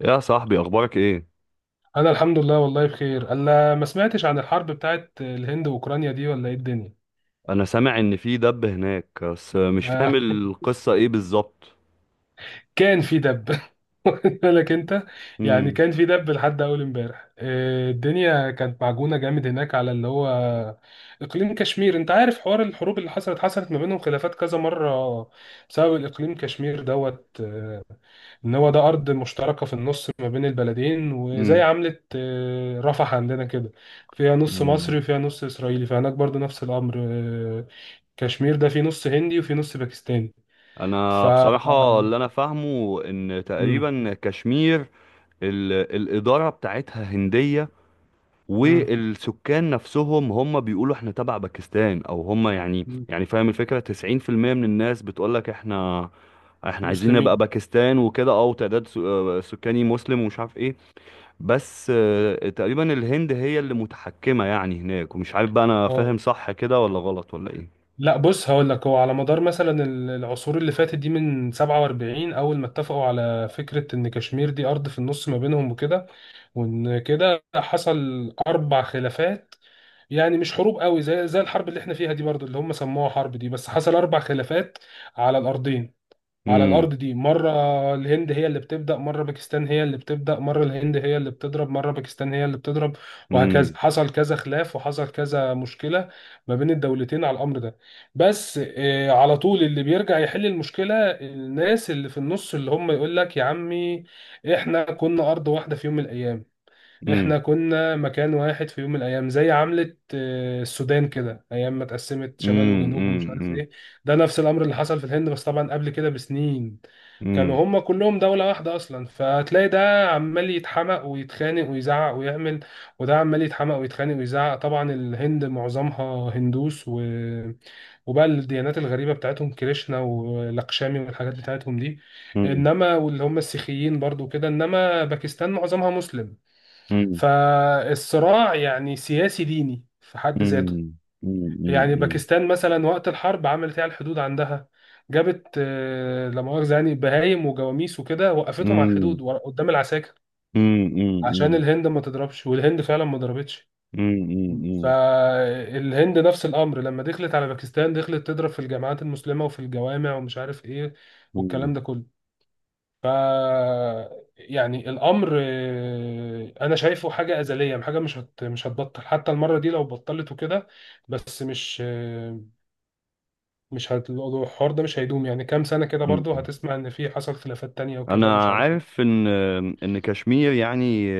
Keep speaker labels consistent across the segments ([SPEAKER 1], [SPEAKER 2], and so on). [SPEAKER 1] يا صاحبي، اخبارك ايه؟
[SPEAKER 2] انا الحمد لله، والله بخير. انا ما سمعتش عن الحرب بتاعت الهند واوكرانيا دي، ولا ايه الدنيا؟
[SPEAKER 1] انا سامع ان في دب هناك، بس مش
[SPEAKER 2] آه،
[SPEAKER 1] فاهم القصة ايه بالظبط.
[SPEAKER 2] كان في دب واخد بالك انت؟ يعني
[SPEAKER 1] امم
[SPEAKER 2] كان في دب لحد اول امبارح الدنيا كانت معجونه جامد هناك على اللي هو اقليم كشمير. انت عارف حوار الحروب اللي حصلت ما بينهم، خلافات كذا مره بسبب الاقليم كشمير دوت. ان هو ده ارض مشتركه في النص ما بين البلدين، وزي
[SPEAKER 1] امم
[SPEAKER 2] عمله رفح عندنا كده، فيها نص
[SPEAKER 1] امم
[SPEAKER 2] مصري وفيها نص اسرائيلي. فهناك برضو نفس الامر، كشمير ده فيه نص هندي وفيه نص باكستاني. ف
[SPEAKER 1] انا بصراحة اللي انا فاهمه ان
[SPEAKER 2] مم.
[SPEAKER 1] تقريبا كشمير، الادارة بتاعتها هندية،
[SPEAKER 2] مم.
[SPEAKER 1] والسكان نفسهم هم بيقولوا احنا تبع باكستان، او هم يعني
[SPEAKER 2] مم.
[SPEAKER 1] يعني فاهم الفكرة؟ 90% من الناس بتقولك احنا عايزين نبقى
[SPEAKER 2] مسلمين.
[SPEAKER 1] باكستان وكده، او تعداد سكاني مسلم ومش عارف إيه. بس تقريبا الهند هي اللي متحكمة يعني هناك، ومش عارف بقى انا
[SPEAKER 2] اه،
[SPEAKER 1] فاهم صح كده ولا غلط ولا ايه.
[SPEAKER 2] لا بص هقول لك: هو على مدار مثلا العصور اللي فاتت دي، من 47 اول ما اتفقوا على فكره ان كشمير دي ارض في النص ما بينهم وكده، وان كده حصل اربع خلافات. يعني مش حروب قوي زي الحرب اللي احنا فيها دي برضه اللي هم سموها حرب دي، بس حصل اربع خلافات على الارضين، على
[SPEAKER 1] امم
[SPEAKER 2] الارض دي. مره الهند هي اللي بتبدا، مره باكستان هي اللي بتبدا، مره الهند هي اللي بتضرب، مره باكستان هي اللي بتضرب، وهكذا.
[SPEAKER 1] امم
[SPEAKER 2] حصل كذا خلاف وحصل كذا مشكله ما بين الدولتين على الامر ده. بس على طول اللي بيرجع يحل المشكله الناس اللي في النص، اللي هم يقول لك يا عمي احنا كنا ارض واحده في يوم من الايام،
[SPEAKER 1] امم
[SPEAKER 2] احنا كنا مكان واحد في يوم من الايام. زي عملة السودان كده، ايام ما اتقسمت شمال وجنوب ومش عارف
[SPEAKER 1] امم
[SPEAKER 2] ايه. ده نفس الامر اللي حصل في الهند، بس طبعا قبل كده بسنين
[SPEAKER 1] امم
[SPEAKER 2] كانوا هما كلهم دولة واحدة اصلا. فتلاقي ده عمال يتحمق ويتخانق ويزعق ويعمل، وده عمال يتحمق ويتخانق ويزعق. طبعا الهند معظمها هندوس وبقى الديانات الغريبة بتاعتهم، كريشنا ولاكشامي والحاجات بتاعتهم دي،
[SPEAKER 1] امم
[SPEAKER 2] انما واللي هم السيخيين برضو كده. انما باكستان معظمها مسلم،
[SPEAKER 1] امم
[SPEAKER 2] فالصراع يعني سياسي ديني في حد ذاته.
[SPEAKER 1] امم امم
[SPEAKER 2] يعني
[SPEAKER 1] امم
[SPEAKER 2] باكستان مثلا وقت الحرب عملت ايه على الحدود عندها؟ جابت لا مؤاخذة يعني بهايم وجواميس وكده، وقفتهم على
[SPEAKER 1] امم
[SPEAKER 2] الحدود قدام العساكر
[SPEAKER 1] امم
[SPEAKER 2] عشان
[SPEAKER 1] امم
[SPEAKER 2] الهند ما تضربش، والهند فعلا ما ضربتش.
[SPEAKER 1] امم
[SPEAKER 2] فالهند نفس الامر، لما دخلت على باكستان دخلت تضرب في الجامعات المسلمه وفي الجوامع ومش عارف ايه والكلام
[SPEAKER 1] امم
[SPEAKER 2] ده كله. ف يعني الامر انا شايفه حاجه ازليه، حاجه مش هتبطل، حتى المره دي لو بطلت وكده. بس مش آه، مش هت... الحوار ده مش هيدوم، يعني كام سنه كده برضو
[SPEAKER 1] امم
[SPEAKER 2] هتسمع ان في حصل خلافات تانية وكده ومش
[SPEAKER 1] انا
[SPEAKER 2] عارف ايه.
[SPEAKER 1] عارف ان كشمير يعني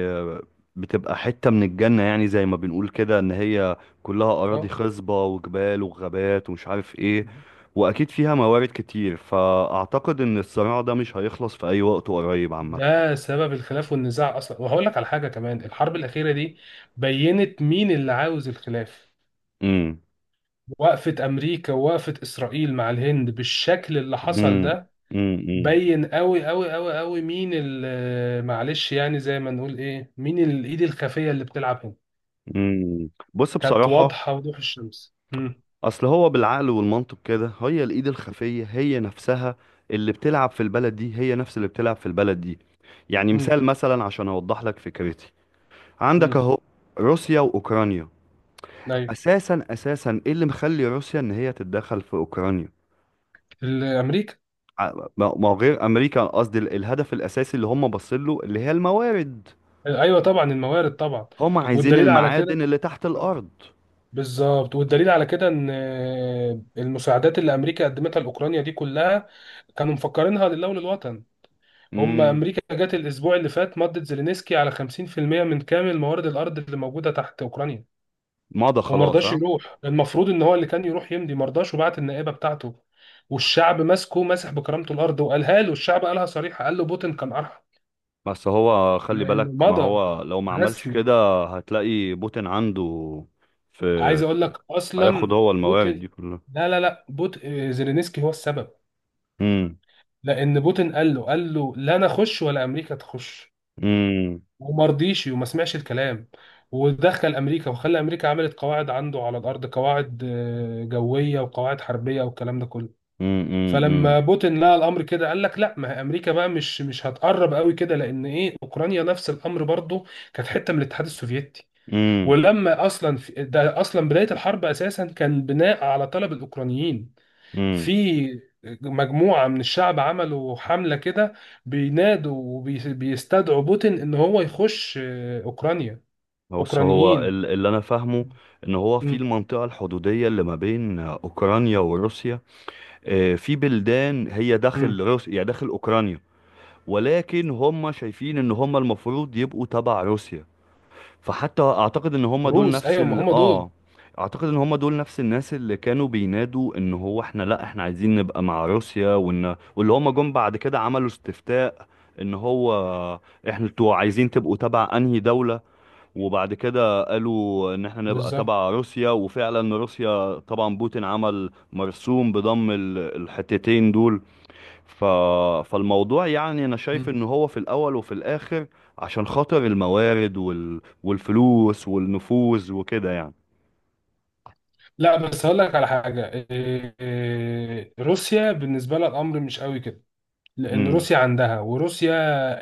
[SPEAKER 1] بتبقى حتة من الجنة، يعني زي ما بنقول كده ان هي كلها اراضي
[SPEAKER 2] اه،
[SPEAKER 1] خصبة وجبال وغابات ومش عارف ايه، واكيد فيها موارد كتير، فاعتقد ان الصراع ده مش هيخلص في اي وقت قريب عامة.
[SPEAKER 2] ده سبب الخلاف والنزاع اصلا. وهقول لك على حاجه كمان: الحرب الاخيره دي بينت مين اللي عاوز الخلاف.
[SPEAKER 1] امم
[SPEAKER 2] وقفه امريكا ووقفه اسرائيل مع الهند بالشكل اللي حصل
[SPEAKER 1] امم
[SPEAKER 2] ده،
[SPEAKER 1] امم امم
[SPEAKER 2] بين قوي قوي قوي قوي مين معلش، يعني زي ما نقول ايه، مين الايد الخفيه اللي بتلعب هنا.
[SPEAKER 1] بص،
[SPEAKER 2] كانت
[SPEAKER 1] بصراحة
[SPEAKER 2] واضحه وضوح الشمس. امم.
[SPEAKER 1] اصل هو بالعقل والمنطق كده، هي الايد الخفيه هي نفسها، اللي بتلعب في البلد دي هي نفس اللي بتلعب في البلد دي. يعني
[SPEAKER 2] امم.
[SPEAKER 1] مثال مثلا عشان اوضح لك فكرتي، عندك
[SPEAKER 2] امم.
[SPEAKER 1] اهو روسيا واوكرانيا.
[SPEAKER 2] ايوه،
[SPEAKER 1] اساسا اساسا ايه اللي مخلي روسيا ان هي تتدخل في اوكرانيا؟
[SPEAKER 2] الامريكا.
[SPEAKER 1] ما هو غير امريكا، قصدي الهدف الاساسي اللي هم باصين له اللي هي الموارد.
[SPEAKER 2] ايوه طبعا، الموارد طبعا.
[SPEAKER 1] هم عايزين
[SPEAKER 2] والدليل على كده،
[SPEAKER 1] المعادن اللي تحت
[SPEAKER 2] مم.
[SPEAKER 1] الارض.
[SPEAKER 2] بالظبط. والدليل على كده ان المساعدات اللي امريكا قدمتها لاوكرانيا دي كلها كانوا مفكرينها لله وللوطن. هم
[SPEAKER 1] امم
[SPEAKER 2] امريكا جت الاسبوع اللي فات مضت زيلينسكي على 50% من كامل موارد الارض اللي موجوده تحت اوكرانيا،
[SPEAKER 1] مضى
[SPEAKER 2] وما
[SPEAKER 1] خلاص،
[SPEAKER 2] رضاش
[SPEAKER 1] ها؟
[SPEAKER 2] يروح. المفروض ان هو اللي كان يروح يمضي، ما رضاش وبعت النائبه بتاعته، والشعب ماسكه ماسح بكرامته الارض. وقالها له الشعب، قالها صريحه، قال له بوتين كان ارحم،
[SPEAKER 1] بس هو خلي
[SPEAKER 2] لانه
[SPEAKER 1] بالك، ما
[SPEAKER 2] مضى
[SPEAKER 1] هو لو ما عملش
[SPEAKER 2] رسمي.
[SPEAKER 1] كده هتلاقي بوتين عنده في
[SPEAKER 2] عايز اقول لك
[SPEAKER 1] هياخد
[SPEAKER 2] اصلا
[SPEAKER 1] هو الموارد دي
[SPEAKER 2] بوتين،
[SPEAKER 1] كلها.
[SPEAKER 2] لا لا لا، بوت آه، زيلينسكي هو السبب.
[SPEAKER 1] امم
[SPEAKER 2] لان بوتين قال له لا، انا اخش ولا امريكا تخش،
[SPEAKER 1] امم
[SPEAKER 2] وما رضيش وما سمعش الكلام، ودخل امريكا وخلى امريكا عملت قواعد عنده على الارض، قواعد جويه وقواعد حربيه والكلام ده كله.
[SPEAKER 1] امم
[SPEAKER 2] فلما بوتين لقى الامر كده قال لك لا، ما هي امريكا بقى مش هتقرب قوي كده. لان ايه، اوكرانيا نفس الامر برضو، كانت حته من الاتحاد السوفيتي.
[SPEAKER 1] امم
[SPEAKER 2] ولما اصلا في ده اصلا بدايه الحرب اساسا كان بناء على طلب الاوكرانيين.
[SPEAKER 1] امم
[SPEAKER 2] في مجموعه من الشعب عملوا حمله كده بينادوا وبيستدعوا بوتين ان هو يخش اوكرانيا.
[SPEAKER 1] بص، هو
[SPEAKER 2] اوكرانيين.
[SPEAKER 1] اللي انا فاهمه ان هو في
[SPEAKER 2] مم.
[SPEAKER 1] المنطقة الحدودية اللي ما بين اوكرانيا وروسيا، في بلدان هي داخل
[SPEAKER 2] مم.
[SPEAKER 1] روسيا يعني داخل اوكرانيا، ولكن هم شايفين ان هم المفروض يبقوا تبع روسيا. فحتى
[SPEAKER 2] روس، ايوه، ما هم دول
[SPEAKER 1] اعتقد ان هم دول نفس الناس اللي كانوا بينادوا ان هو احنا، لا احنا عايزين نبقى مع روسيا، واللي هم جم بعد كده عملوا استفتاء ان هو انتوا عايزين تبقوا تبع انهي دولة. وبعد كده قالوا ان احنا نبقى
[SPEAKER 2] بالظبط.
[SPEAKER 1] تبع روسيا، وفعلا روسيا طبعا بوتين عمل مرسوم بضم الحتتين دول. ف... فالموضوع يعني انا شايف ان هو في الاول وفي الاخر عشان خاطر الموارد والفلوس والنفوذ وكده يعني.
[SPEAKER 2] لا، بس هقول لك على حاجة روسيا بالنسبة لها الأمر مش قوي كده. لأن
[SPEAKER 1] امم
[SPEAKER 2] روسيا عندها، وروسيا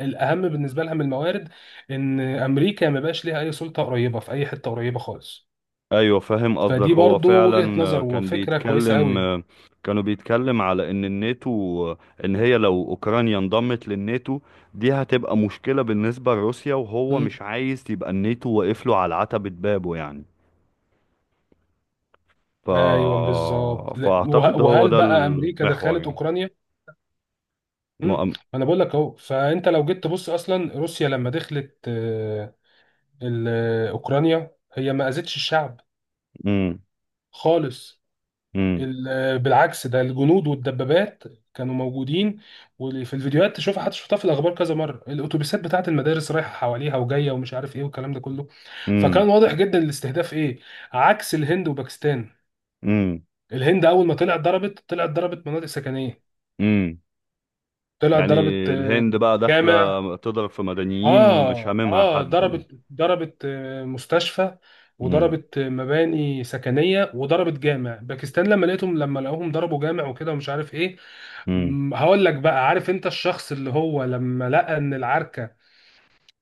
[SPEAKER 2] الأهم بالنسبة لها من الموارد إن أمريكا ما بقاش ليها أي سلطة قريبة في أي حتة قريبة خالص.
[SPEAKER 1] ايوه، فاهم قصدك،
[SPEAKER 2] فدي
[SPEAKER 1] هو
[SPEAKER 2] برضو وجهة
[SPEAKER 1] فعلا
[SPEAKER 2] نظر
[SPEAKER 1] كان
[SPEAKER 2] وفكرة كويسة
[SPEAKER 1] بيتكلم،
[SPEAKER 2] قوي.
[SPEAKER 1] كانوا بيتكلم على ان الناتو، آه، ان هي لو اوكرانيا انضمت للناتو دي هتبقى مشكلة بالنسبة لروسيا، وهو
[SPEAKER 2] مم.
[SPEAKER 1] مش عايز يبقى الناتو واقف له على عتبة بابه يعني. ف...
[SPEAKER 2] أيوه بالظبط. لا،
[SPEAKER 1] فاعتقد هو
[SPEAKER 2] وهل
[SPEAKER 1] ده
[SPEAKER 2] بقى أمريكا
[SPEAKER 1] المحور
[SPEAKER 2] دخلت
[SPEAKER 1] يعني.
[SPEAKER 2] أوكرانيا؟ مم.
[SPEAKER 1] مؤم...
[SPEAKER 2] أنا بقول لك أهو. فأنت لو جيت تبص أصلا روسيا لما دخلت أوكرانيا، هي ما أذتش الشعب خالص.
[SPEAKER 1] امم
[SPEAKER 2] بالعكس، ده الجنود والدبابات كانوا موجودين، وفي الفيديوهات تشوفها، حتى شفتها في الاخبار كذا مره، الاتوبيسات بتاعه المدارس رايحه حواليها وجايه ومش عارف ايه والكلام ده كله.
[SPEAKER 1] امم
[SPEAKER 2] فكان واضح جدا الاستهداف ايه، عكس الهند وباكستان.
[SPEAKER 1] امم
[SPEAKER 2] الهند اول ما طلعت ضربت، طلعت ضربت مناطق سكنيه،
[SPEAKER 1] امم
[SPEAKER 2] طلعت
[SPEAKER 1] يعني
[SPEAKER 2] ضربت
[SPEAKER 1] الهند بقى داخلة
[SPEAKER 2] جامع.
[SPEAKER 1] تضرب في مدنيين مش
[SPEAKER 2] اه
[SPEAKER 1] هاممها
[SPEAKER 2] اه،
[SPEAKER 1] حد.
[SPEAKER 2] ضربت مستشفى،
[SPEAKER 1] امم
[SPEAKER 2] وضربت مباني سكنيه، وضربت جامع. باكستان لما لقوهم ضربوا جامع وكده ومش عارف ايه.
[SPEAKER 1] امم
[SPEAKER 2] هقول لك بقى: عارف انت الشخص اللي هو لما لقى ان العركة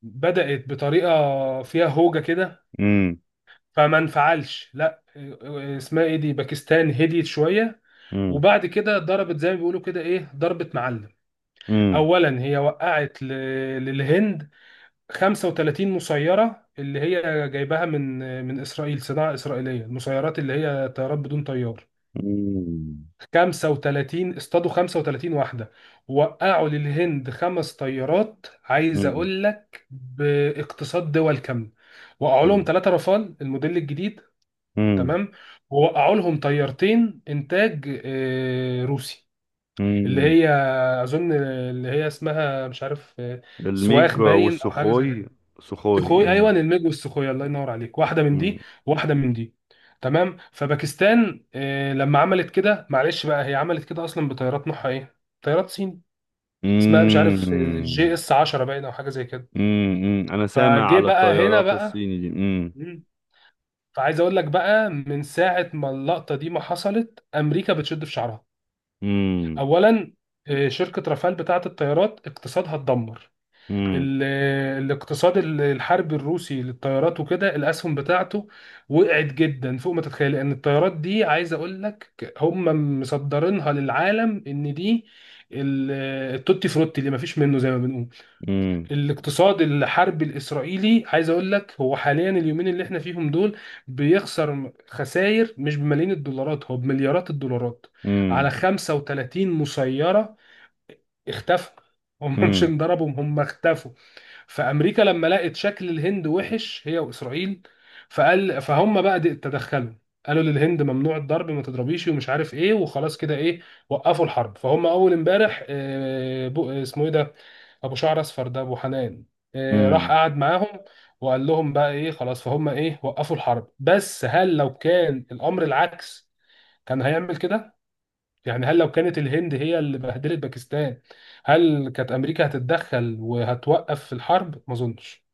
[SPEAKER 2] بدأت بطريقة فيها هوجة كده
[SPEAKER 1] امم
[SPEAKER 2] فما انفعلش، لا اسمها ايه دي، باكستان هديت شوية وبعد كده ضربت زي ما بيقولوا كده ايه ضربة معلم.
[SPEAKER 1] امم امم
[SPEAKER 2] اولا هي وقعت للهند 35 مسيرة اللي هي جايباها من اسرائيل، صناعة اسرائيلية. المسيرات اللي هي طيارات بدون طيار، 35 اصطادوا 35 واحده. وقعوا للهند خمس طيارات، عايز
[SPEAKER 1] امم
[SPEAKER 2] اقول لك باقتصاد دول كامله. وقعوا لهم
[SPEAKER 1] امم
[SPEAKER 2] ثلاثه رافال الموديل الجديد،
[SPEAKER 1] امم
[SPEAKER 2] تمام؟ ووقعوا لهم طيارتين انتاج روسي، اللي
[SPEAKER 1] امم
[SPEAKER 2] هي اظن اللي هي اسمها مش عارف سواخ
[SPEAKER 1] الميج
[SPEAKER 2] باين او حاجه زي.
[SPEAKER 1] والسخوي، سخوي.
[SPEAKER 2] سخوي، ايوه، الميج والسخوي، الله ينور عليك. واحده من
[SPEAKER 1] امم
[SPEAKER 2] دي وواحده من دي، تمام. فباكستان لما عملت كده، معلش بقى هي عملت كده اصلا بطيارات نوعها ايه؟ طيارات صين، اسمها مش عارف جي
[SPEAKER 1] امم
[SPEAKER 2] اس 10 باين او حاجه زي كده.
[SPEAKER 1] انا سامع
[SPEAKER 2] فجه
[SPEAKER 1] على
[SPEAKER 2] بقى هنا
[SPEAKER 1] الطيارات
[SPEAKER 2] بقى.
[SPEAKER 1] الصيني دي.
[SPEAKER 2] مم. فعايز اقول لك بقى، من ساعه ما اللقطه دي ما حصلت امريكا بتشد في شعرها.
[SPEAKER 1] امم
[SPEAKER 2] اولا شركه رافال بتاعه الطيارات اقتصادها اتدمر. ال- الاقتصاد الحربي الروسي للطيارات وكده، الاسهم بتاعته وقعت جدا فوق ما تتخيل. لان الطيارات دي عايز اقول لك هم مصدرينها للعالم ان دي ال- التوتي فروتي اللي ما فيش منه زي ما بنقول.
[SPEAKER 1] امم
[SPEAKER 2] الاقتصاد الحربي الاسرائيلي عايز اقول لك هو حاليا اليومين اللي احنا فيهم دول بيخسر خسائر مش بملايين الدولارات، هو بمليارات الدولارات، على
[SPEAKER 1] امم
[SPEAKER 2] 35 مسيرة اختفوا. هم مش
[SPEAKER 1] امم
[SPEAKER 2] انضربوا، هم اختفوا. فامريكا لما لقت شكل الهند وحش هي واسرائيل، فهم بقى تدخلوا، قالوا للهند ممنوع الضرب، ما تضربيش ومش عارف ايه، وخلاص كده ايه وقفوا الحرب. فهم اول امبارح اسمه ايه ده، ابو شعر اصفر ده، ابو حنان، راح
[SPEAKER 1] امم
[SPEAKER 2] قعد معاهم وقال لهم بقى ايه خلاص، فهم ايه وقفوا الحرب. بس هل لو كان الامر العكس كان هيعمل كده؟ يعني هل لو كانت الهند هي اللي بهدلت باكستان، هل كانت امريكا هتتدخل وهتوقف الحرب؟ ما اظنش.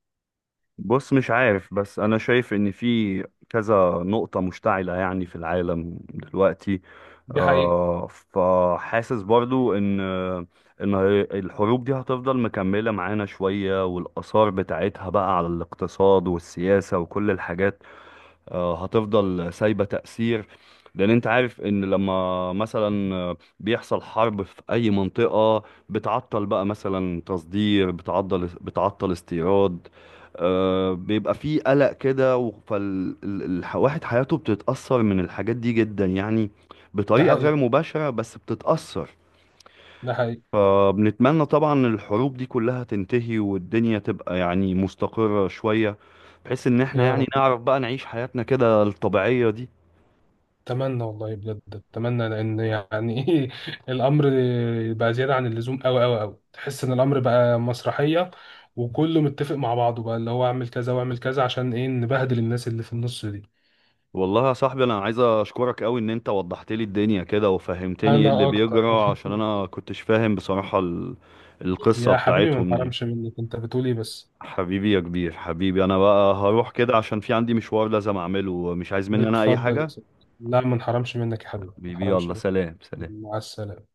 [SPEAKER 1] بص، مش عارف، بس انا شايف ان في كذا نقطة مشتعلة يعني في العالم دلوقتي.
[SPEAKER 2] دي حقيقة.
[SPEAKER 1] فحاسس برضو ان الحروب دي هتفضل مكملة معانا شوية، والاثار بتاعتها بقى على الاقتصاد والسياسة وكل الحاجات، هتفضل سايبة تأثير. لأن أنت عارف إن لما مثلا بيحصل حرب في أي منطقة، بتعطل بقى مثلا تصدير، بتعطل استيراد، بيبقى فيه قلق كده، فالواحد حياته بتتأثر من الحاجات دي جدا يعني،
[SPEAKER 2] ده
[SPEAKER 1] بطريقة غير
[SPEAKER 2] حقيقي،
[SPEAKER 1] مباشرة بس بتتأثر.
[SPEAKER 2] ده حقيقي.
[SPEAKER 1] فبنتمنى طبعا الحروب دي كلها تنتهي، والدنيا تبقى يعني مستقرة شوية، بحيث ان احنا
[SPEAKER 2] يا
[SPEAKER 1] يعني
[SPEAKER 2] رب،
[SPEAKER 1] نعرف بقى نعيش حياتنا كده الطبيعية دي.
[SPEAKER 2] اتمنى والله بجد. اتمنى لان يعني ايه، الامر بقى زياده عن اللزوم، قوي قوي قوي. تحس ان الامر بقى مسرحيه، وكله متفق مع بعضه بقى اللي هو اعمل كذا واعمل كذا، عشان ايه؟ نبهدل الناس اللي في النص دي.
[SPEAKER 1] والله يا صاحبي، انا عايز اشكرك قوي ان انت وضحت لي الدنيا كده وفهمتني ايه اللي
[SPEAKER 2] انا اكتر
[SPEAKER 1] بيجرى، عشان انا كنتش فاهم بصراحة القصة
[SPEAKER 2] يا حبيبي، ما
[SPEAKER 1] بتاعتهم دي.
[SPEAKER 2] انحرمش منك، انت بتقول ايه بس.
[SPEAKER 1] حبيبي يا كبير، حبيبي، انا بقى هروح كده عشان في عندي مشوار لازم اعمله، مش عايز مني انا اي
[SPEAKER 2] اتفضل يا
[SPEAKER 1] حاجة؟
[SPEAKER 2] صديقي. لا ما انحرمش منك يا حبيبي، ما
[SPEAKER 1] حبيبي
[SPEAKER 2] انحرمش
[SPEAKER 1] يلا،
[SPEAKER 2] منك.
[SPEAKER 1] سلام سلام.
[SPEAKER 2] مع السلامة.